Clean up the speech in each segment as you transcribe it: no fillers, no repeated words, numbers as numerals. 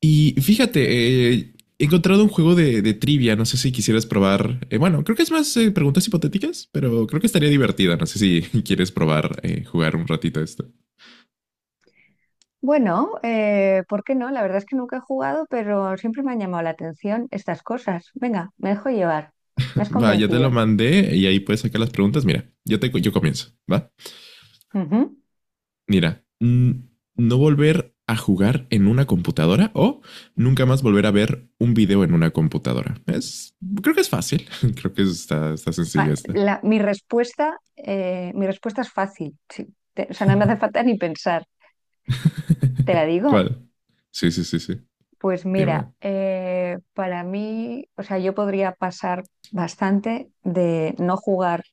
Y fíjate, he encontrado un juego de trivia, no sé si quisieras probar. Bueno, creo que es más preguntas hipotéticas, pero creo que estaría divertida. No sé si quieres probar jugar un ratito a esto. Bueno, ¿por qué no? La verdad es que nunca he jugado, pero siempre me han llamado la atención estas cosas. Venga, me dejo llevar. Me has Va, ya te lo convencido. mandé y ahí puedes sacar las preguntas. Mira, yo comienzo, ¿va? Ujú. Mira, no volver a jugar en una computadora o nunca más volver a ver un video en una computadora. Creo que es fácil. Creo que está sencillo Ah, esta. Mi respuesta es fácil. Sí. O sea, no me hace falta ni pensar. ¿Te la digo? ¿Cuál? Sí, sí, sí, sí. Pues mira, Dime. Para mí, o sea, yo podría pasar bastante de no jugar,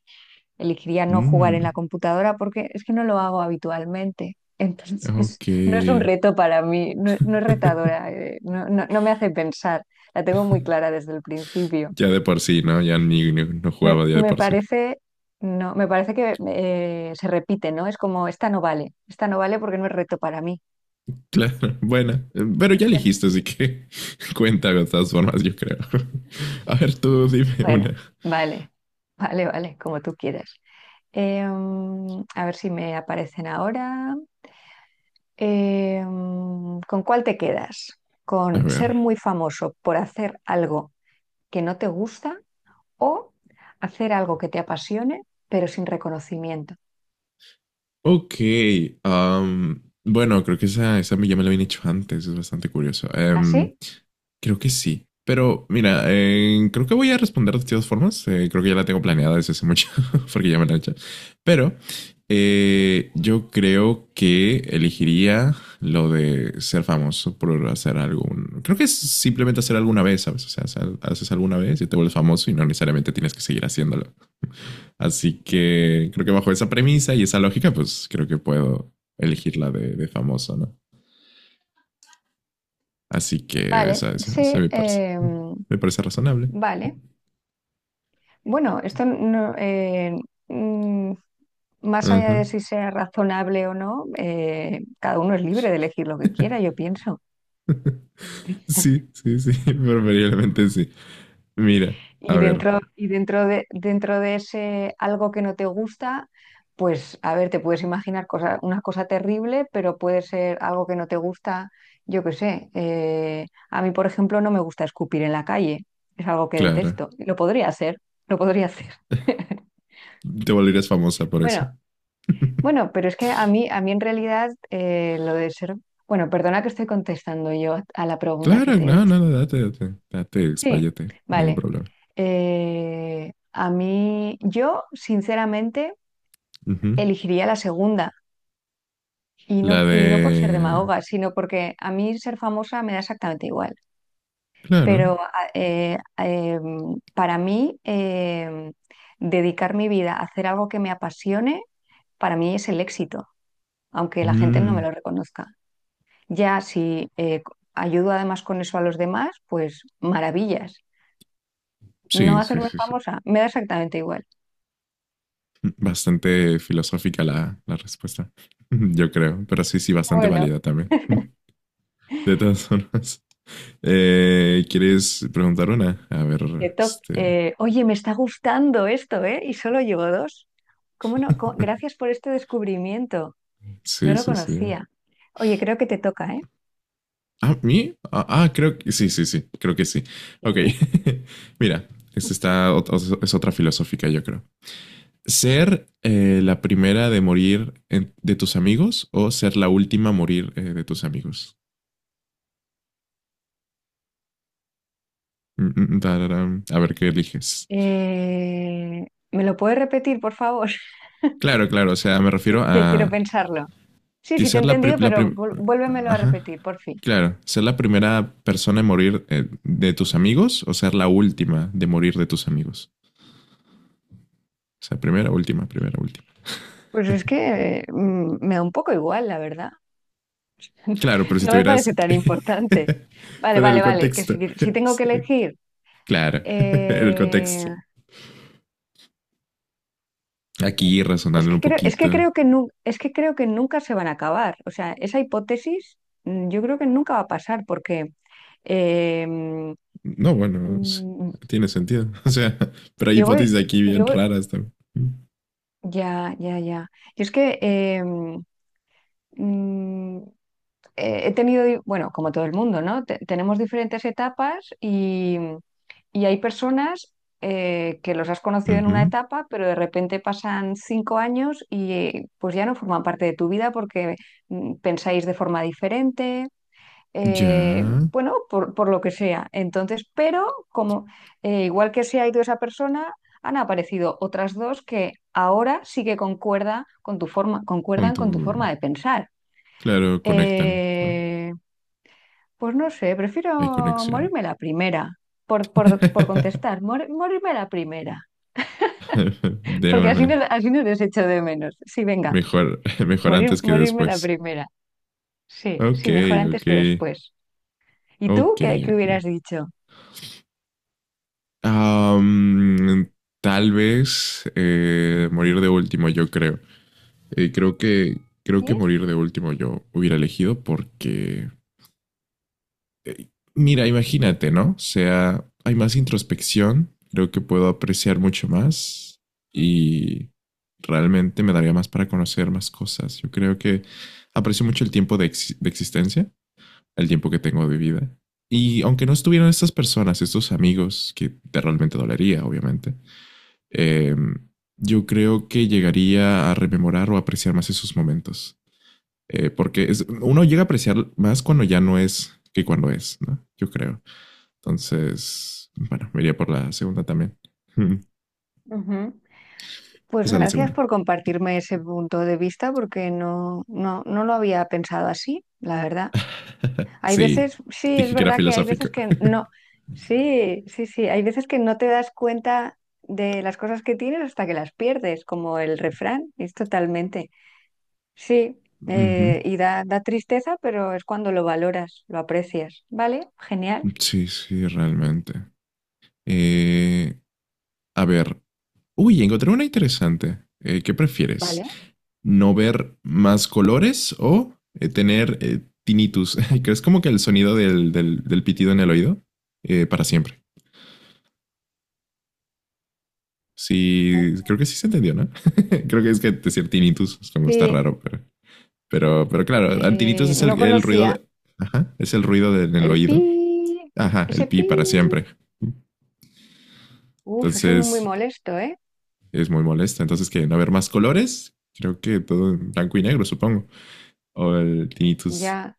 elegiría no jugar en la Mm. computadora porque es que no lo hago habitualmente. Entonces, Ok. no es un reto para mí, no, no es retadora, no, no me hace pensar. La tengo muy clara desde el principio. Ya de por sí, ¿no? Ya no Me, jugaba ya de me por sí. parece, no, me parece que se repite, ¿no? Es como, esta no vale porque no es reto para mí. Claro, bueno, pero ya elegiste, así que cuenta de todas formas, yo creo. A ver, tú dime una. Bueno, vale, vale, vale, como tú quieras. A ver si me aparecen ahora. ¿Con cuál te quedas? A ¿Con ver. ser muy famoso por hacer algo que no te gusta o hacer algo que te apasione pero sin reconocimiento? Ok. Bueno, creo que esa ya me la habían hecho antes, es bastante curioso. ¿Así? Creo que sí. Pero mira, creo que voy a responder de todas formas. Creo que ya la tengo planeada desde hace mucho, porque ya me la he hecho. Pero yo creo que elegiría lo de ser famoso por hacer algún. Creo que es simplemente hacer alguna vez, ¿sabes? O sea, haces alguna vez y te vuelves famoso y no necesariamente tienes que seguir haciéndolo. Así que creo que bajo esa premisa y esa lógica, pues creo que puedo elegir la de famoso, ¿no? Así que Vale, sí, esa me parece. Me parece razonable. vale. Bueno, esto no, mm, más allá Ajá. de si sea razonable o no, cada uno es libre de elegir lo que quiera, yo pienso. Sí, sí, sí, preferiblemente sí. Mira, a ver, Dentro de ese algo que no te gusta, pues a ver, te puedes imaginar cosa, una cosa terrible, pero puede ser algo que no te gusta, yo qué sé. A mí, por ejemplo, no me gusta escupir en la calle, es algo que Clara, detesto. Lo podría hacer. te volverías famosa por eso. Bueno, bueno, pero es que a mí en realidad lo de ser... Bueno, perdona que estoy contestando yo a la pregunta que Claro, te he no, hecho. no, no, date, Sí, expláyate, no hay ningún vale. problema. A mí, yo sinceramente Ujú. elegiría la segunda La y no por ser de... demagoga, sino porque a mí ser famosa me da exactamente igual. Claro. Pero a- eh, eh, para mí, dedicar mi vida a hacer algo que me apasione, para mí es el éxito, aunque la gente no me Mm, lo reconozca. Ya si ayudo además con eso a los demás, pues maravillas. No sí, sí, hacerme sí, sí. famosa, me da exactamente igual. Bastante filosófica la respuesta, yo creo, pero sí, sí, bastante Bueno. válida también. De todas formas, ¿quieres preguntar una? A ver, Qué top. este... Oye, me está gustando esto, ¿eh? Y solo llevo dos. ¿Cómo no? Gracias por este descubrimiento. No Sí, lo sí, sí. conocía. Oye, creo que te toca, ¿eh? ¿A mí? Ah, ah, creo que sí, sí, sí, creo que sí. Ok, Sí. mira, esta está, es otra filosófica, yo creo. ¿Ser la primera de morir de tus amigos o ser la última a morir de tus amigos? Mm, mm, mm, tararán. A ver qué eliges. ¿Me lo puedes repetir, por favor? Claro, claro, o sea, me refiero que quiero a pensarlo. Sí, que sí, te he ser la, entendido, pero vuélvemelo a Ajá. repetir, por fin. Claro, ser la primera persona en morir de tus amigos o ser la última de morir de tus amigos. O sea, primera, última, primera, última. Pues es que me da un poco igual, la verdad. Claro, pero si No me tuvieras... parece tan importante. Vale, pero en vale, el vale, que si, contexto. si tengo que Sí, elegir, claro, en el eh, contexto. Aquí razonando un es poquito. que creo que es que creo que nunca se van a acabar. O sea, esa hipótesis, yo creo que nunca va a pasar porque eh, mm, No, bueno, sí, mm, tiene sentido. O sea, pero hay yo hipótesis voy, aquí bien yo voy- raras también. ya, ya, ya. Y es que mm, he tenido, bueno, como todo el mundo, ¿no? Tenemos diferentes etapas y hay personas que los has conocido en una Ujú. etapa, pero de repente pasan 5 años y pues ya no forman parte de tu vida porque pensáis de forma diferente. eh, Ya, bueno, por lo que sea. Entonces, pero como igual que se ha ido esa persona, han aparecido otras dos que ahora sí que concuerda con tu forma, con concuerdan tu... con tu forma de pensar. Claro, conectan, ¿no? Eh, pues no sé, prefiero Hay conexión. morirme la primera, por contestar, morirme la primera, De porque una. así no les echo de menos. Sí, venga, Mejor, mejor morir, antes que morirme la después. primera. Sí, Ok, sí, mejor antes ok, que después. ¿Y ok, tú qué, qué hubieras ok. dicho? Am, Tal vez morir de último, yo creo. Eh, creo que ¿Sí? morir de último yo hubiera elegido porque, mira, imagínate, ¿no? O sea, hay más introspección, creo que puedo apreciar mucho más y realmente me daría más para conocer más cosas. Yo creo que aprecio mucho el tiempo de existencia, el tiempo que tengo de vida. Y aunque no estuvieran estas personas, estos amigos, que te realmente dolería, obviamente, eh, yo creo que llegaría a rememorar o apreciar más esos momentos. Porque es, uno llega a apreciar más cuando ya no es que cuando es, ¿no? Yo creo. Entonces, bueno, me iría por la segunda también. O Ujú. Pues sea, la gracias segunda. por compartirme ese punto de vista, porque no, no, no lo había pensado así, la verdad. Hay Sí, veces, sí, es dije que era verdad que hay filosófico. veces que no, sí, sí, sí, hay veces que no te das cuenta de las cosas que tienes hasta que las pierdes, como el refrán, es totalmente. Sí, uh -huh. Y da, da tristeza, pero es cuando lo valoras, lo aprecias. ¿Vale? Genial. Sí, sí, realmente. Eh, a ver, uy, encontré una interesante. ¿Qué prefieres? ¿Vale? No ver más colores o tener tinnitus. ¿Crees como que el sonido del pitido en el oído? Para siempre. Sí, creo que sí se entendió, ¿no? Creo que es que decir tinnitus es como está Sí, raro, pero claro, ah, tinnitus es no el ruido conocía de, ajá, es el ruido del en el el pi, oído. Ajá, ese el pi pi. para siempre. Uf, eso es muy Entonces molesto, ¿eh? es muy molesta. Entonces que no haber más colores, creo que todo en blanco y negro, supongo. O el tinnitus. Ya,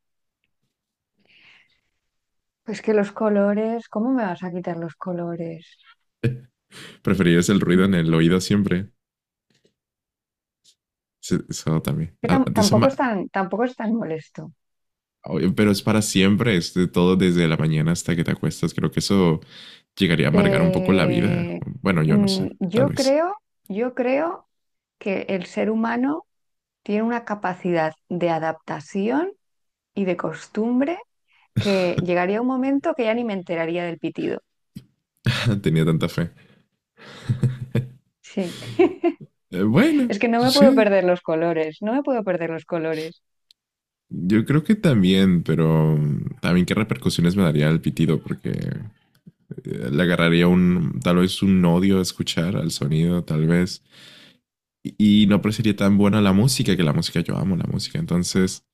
pues que los colores, ¿cómo me vas a quitar los colores? Preferirías el ruido en el oído siempre. Sí, eso también. Que Ah, de eso tampoco es tan, tampoco es tan molesto. oye, pero es para siempre, es de todo desde la mañana hasta que te acuestas. Creo que eso llegaría a amargar un poco la vida. Eh, Bueno, yo no mm, sé, tal yo vez. creo, yo creo que el ser humano tiene una capacidad de adaptación y de costumbre que llegaría un momento que ya ni me enteraría del pitido. Tenía tanta fe. Sí, Bueno, es que no me puedo sí, perder los colores, no me puedo perder los colores. yo creo que también, pero también qué repercusiones me daría el pitido, porque le agarraría un, tal vez un odio a escuchar al sonido, tal vez. Y no parecería tan buena la música, que la música yo amo la música, entonces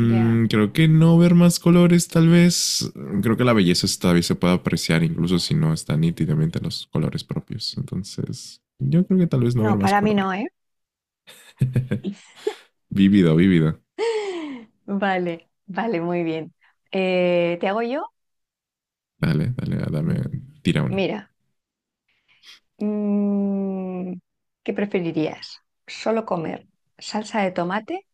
Ya. creo que no ver más colores, tal vez. Creo que la belleza todavía se puede apreciar, incluso si no están nítidamente los colores propios. Entonces, yo creo que tal vez no ver No, más para mí color. no, ¿eh? Vívido, vívido. Vale, vale, muy bien. ¿Te hago yo? Dame, tira una. Mira. Mm, ¿Qué preferirías? ¿Solo comer salsa de tomate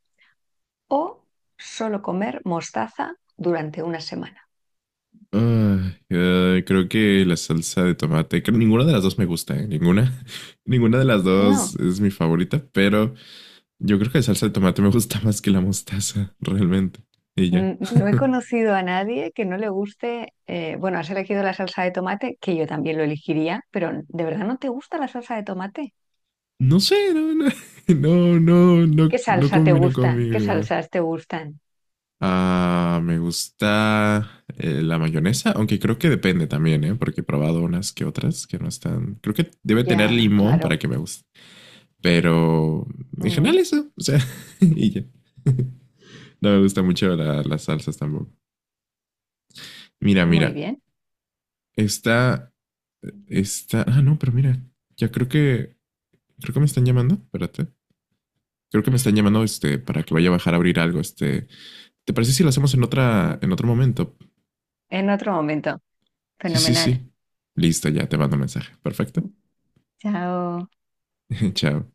o solo comer mostaza durante una semana? Ah, creo que la salsa de tomate, ninguna de las dos me gusta, ¿eh? Ninguna, ninguna de las dos No, es mi favorita, pero yo creo que la salsa de tomate me gusta más que la mostaza, realmente. Y ya. No he conocido a nadie que no le guste, bueno, has elegido la salsa de tomate, que yo también lo elegiría, pero ¿de verdad no te gusta la salsa de tomate? No sé, no, no, no, no, no, ¿Qué no salsa te combino gusta? ¿Qué conmigo. salsas te gustan? Ah, me gusta la mayonesa, aunque creo que depende también, ¿eh? Porque he probado unas que otras que no están. Creo que debe tener Ya, limón para claro. que me guste. Pero en general Mm, eso, o sea, y ya. No me gusta mucho las salsas tampoco. Mira, muy mira, bien. esta, esta. Ah, no, pero mira, ya creo que me están llamando. Espérate. Creo que me están llamando, este, para que vaya a bajar a abrir algo, este. ¿Te parece si lo hacemos en, Mm, en otro momento? en otro momento. Sí, sí, Fenomenal. sí. Listo, ya te mando un mensaje. Perfecto. Chao. Chao.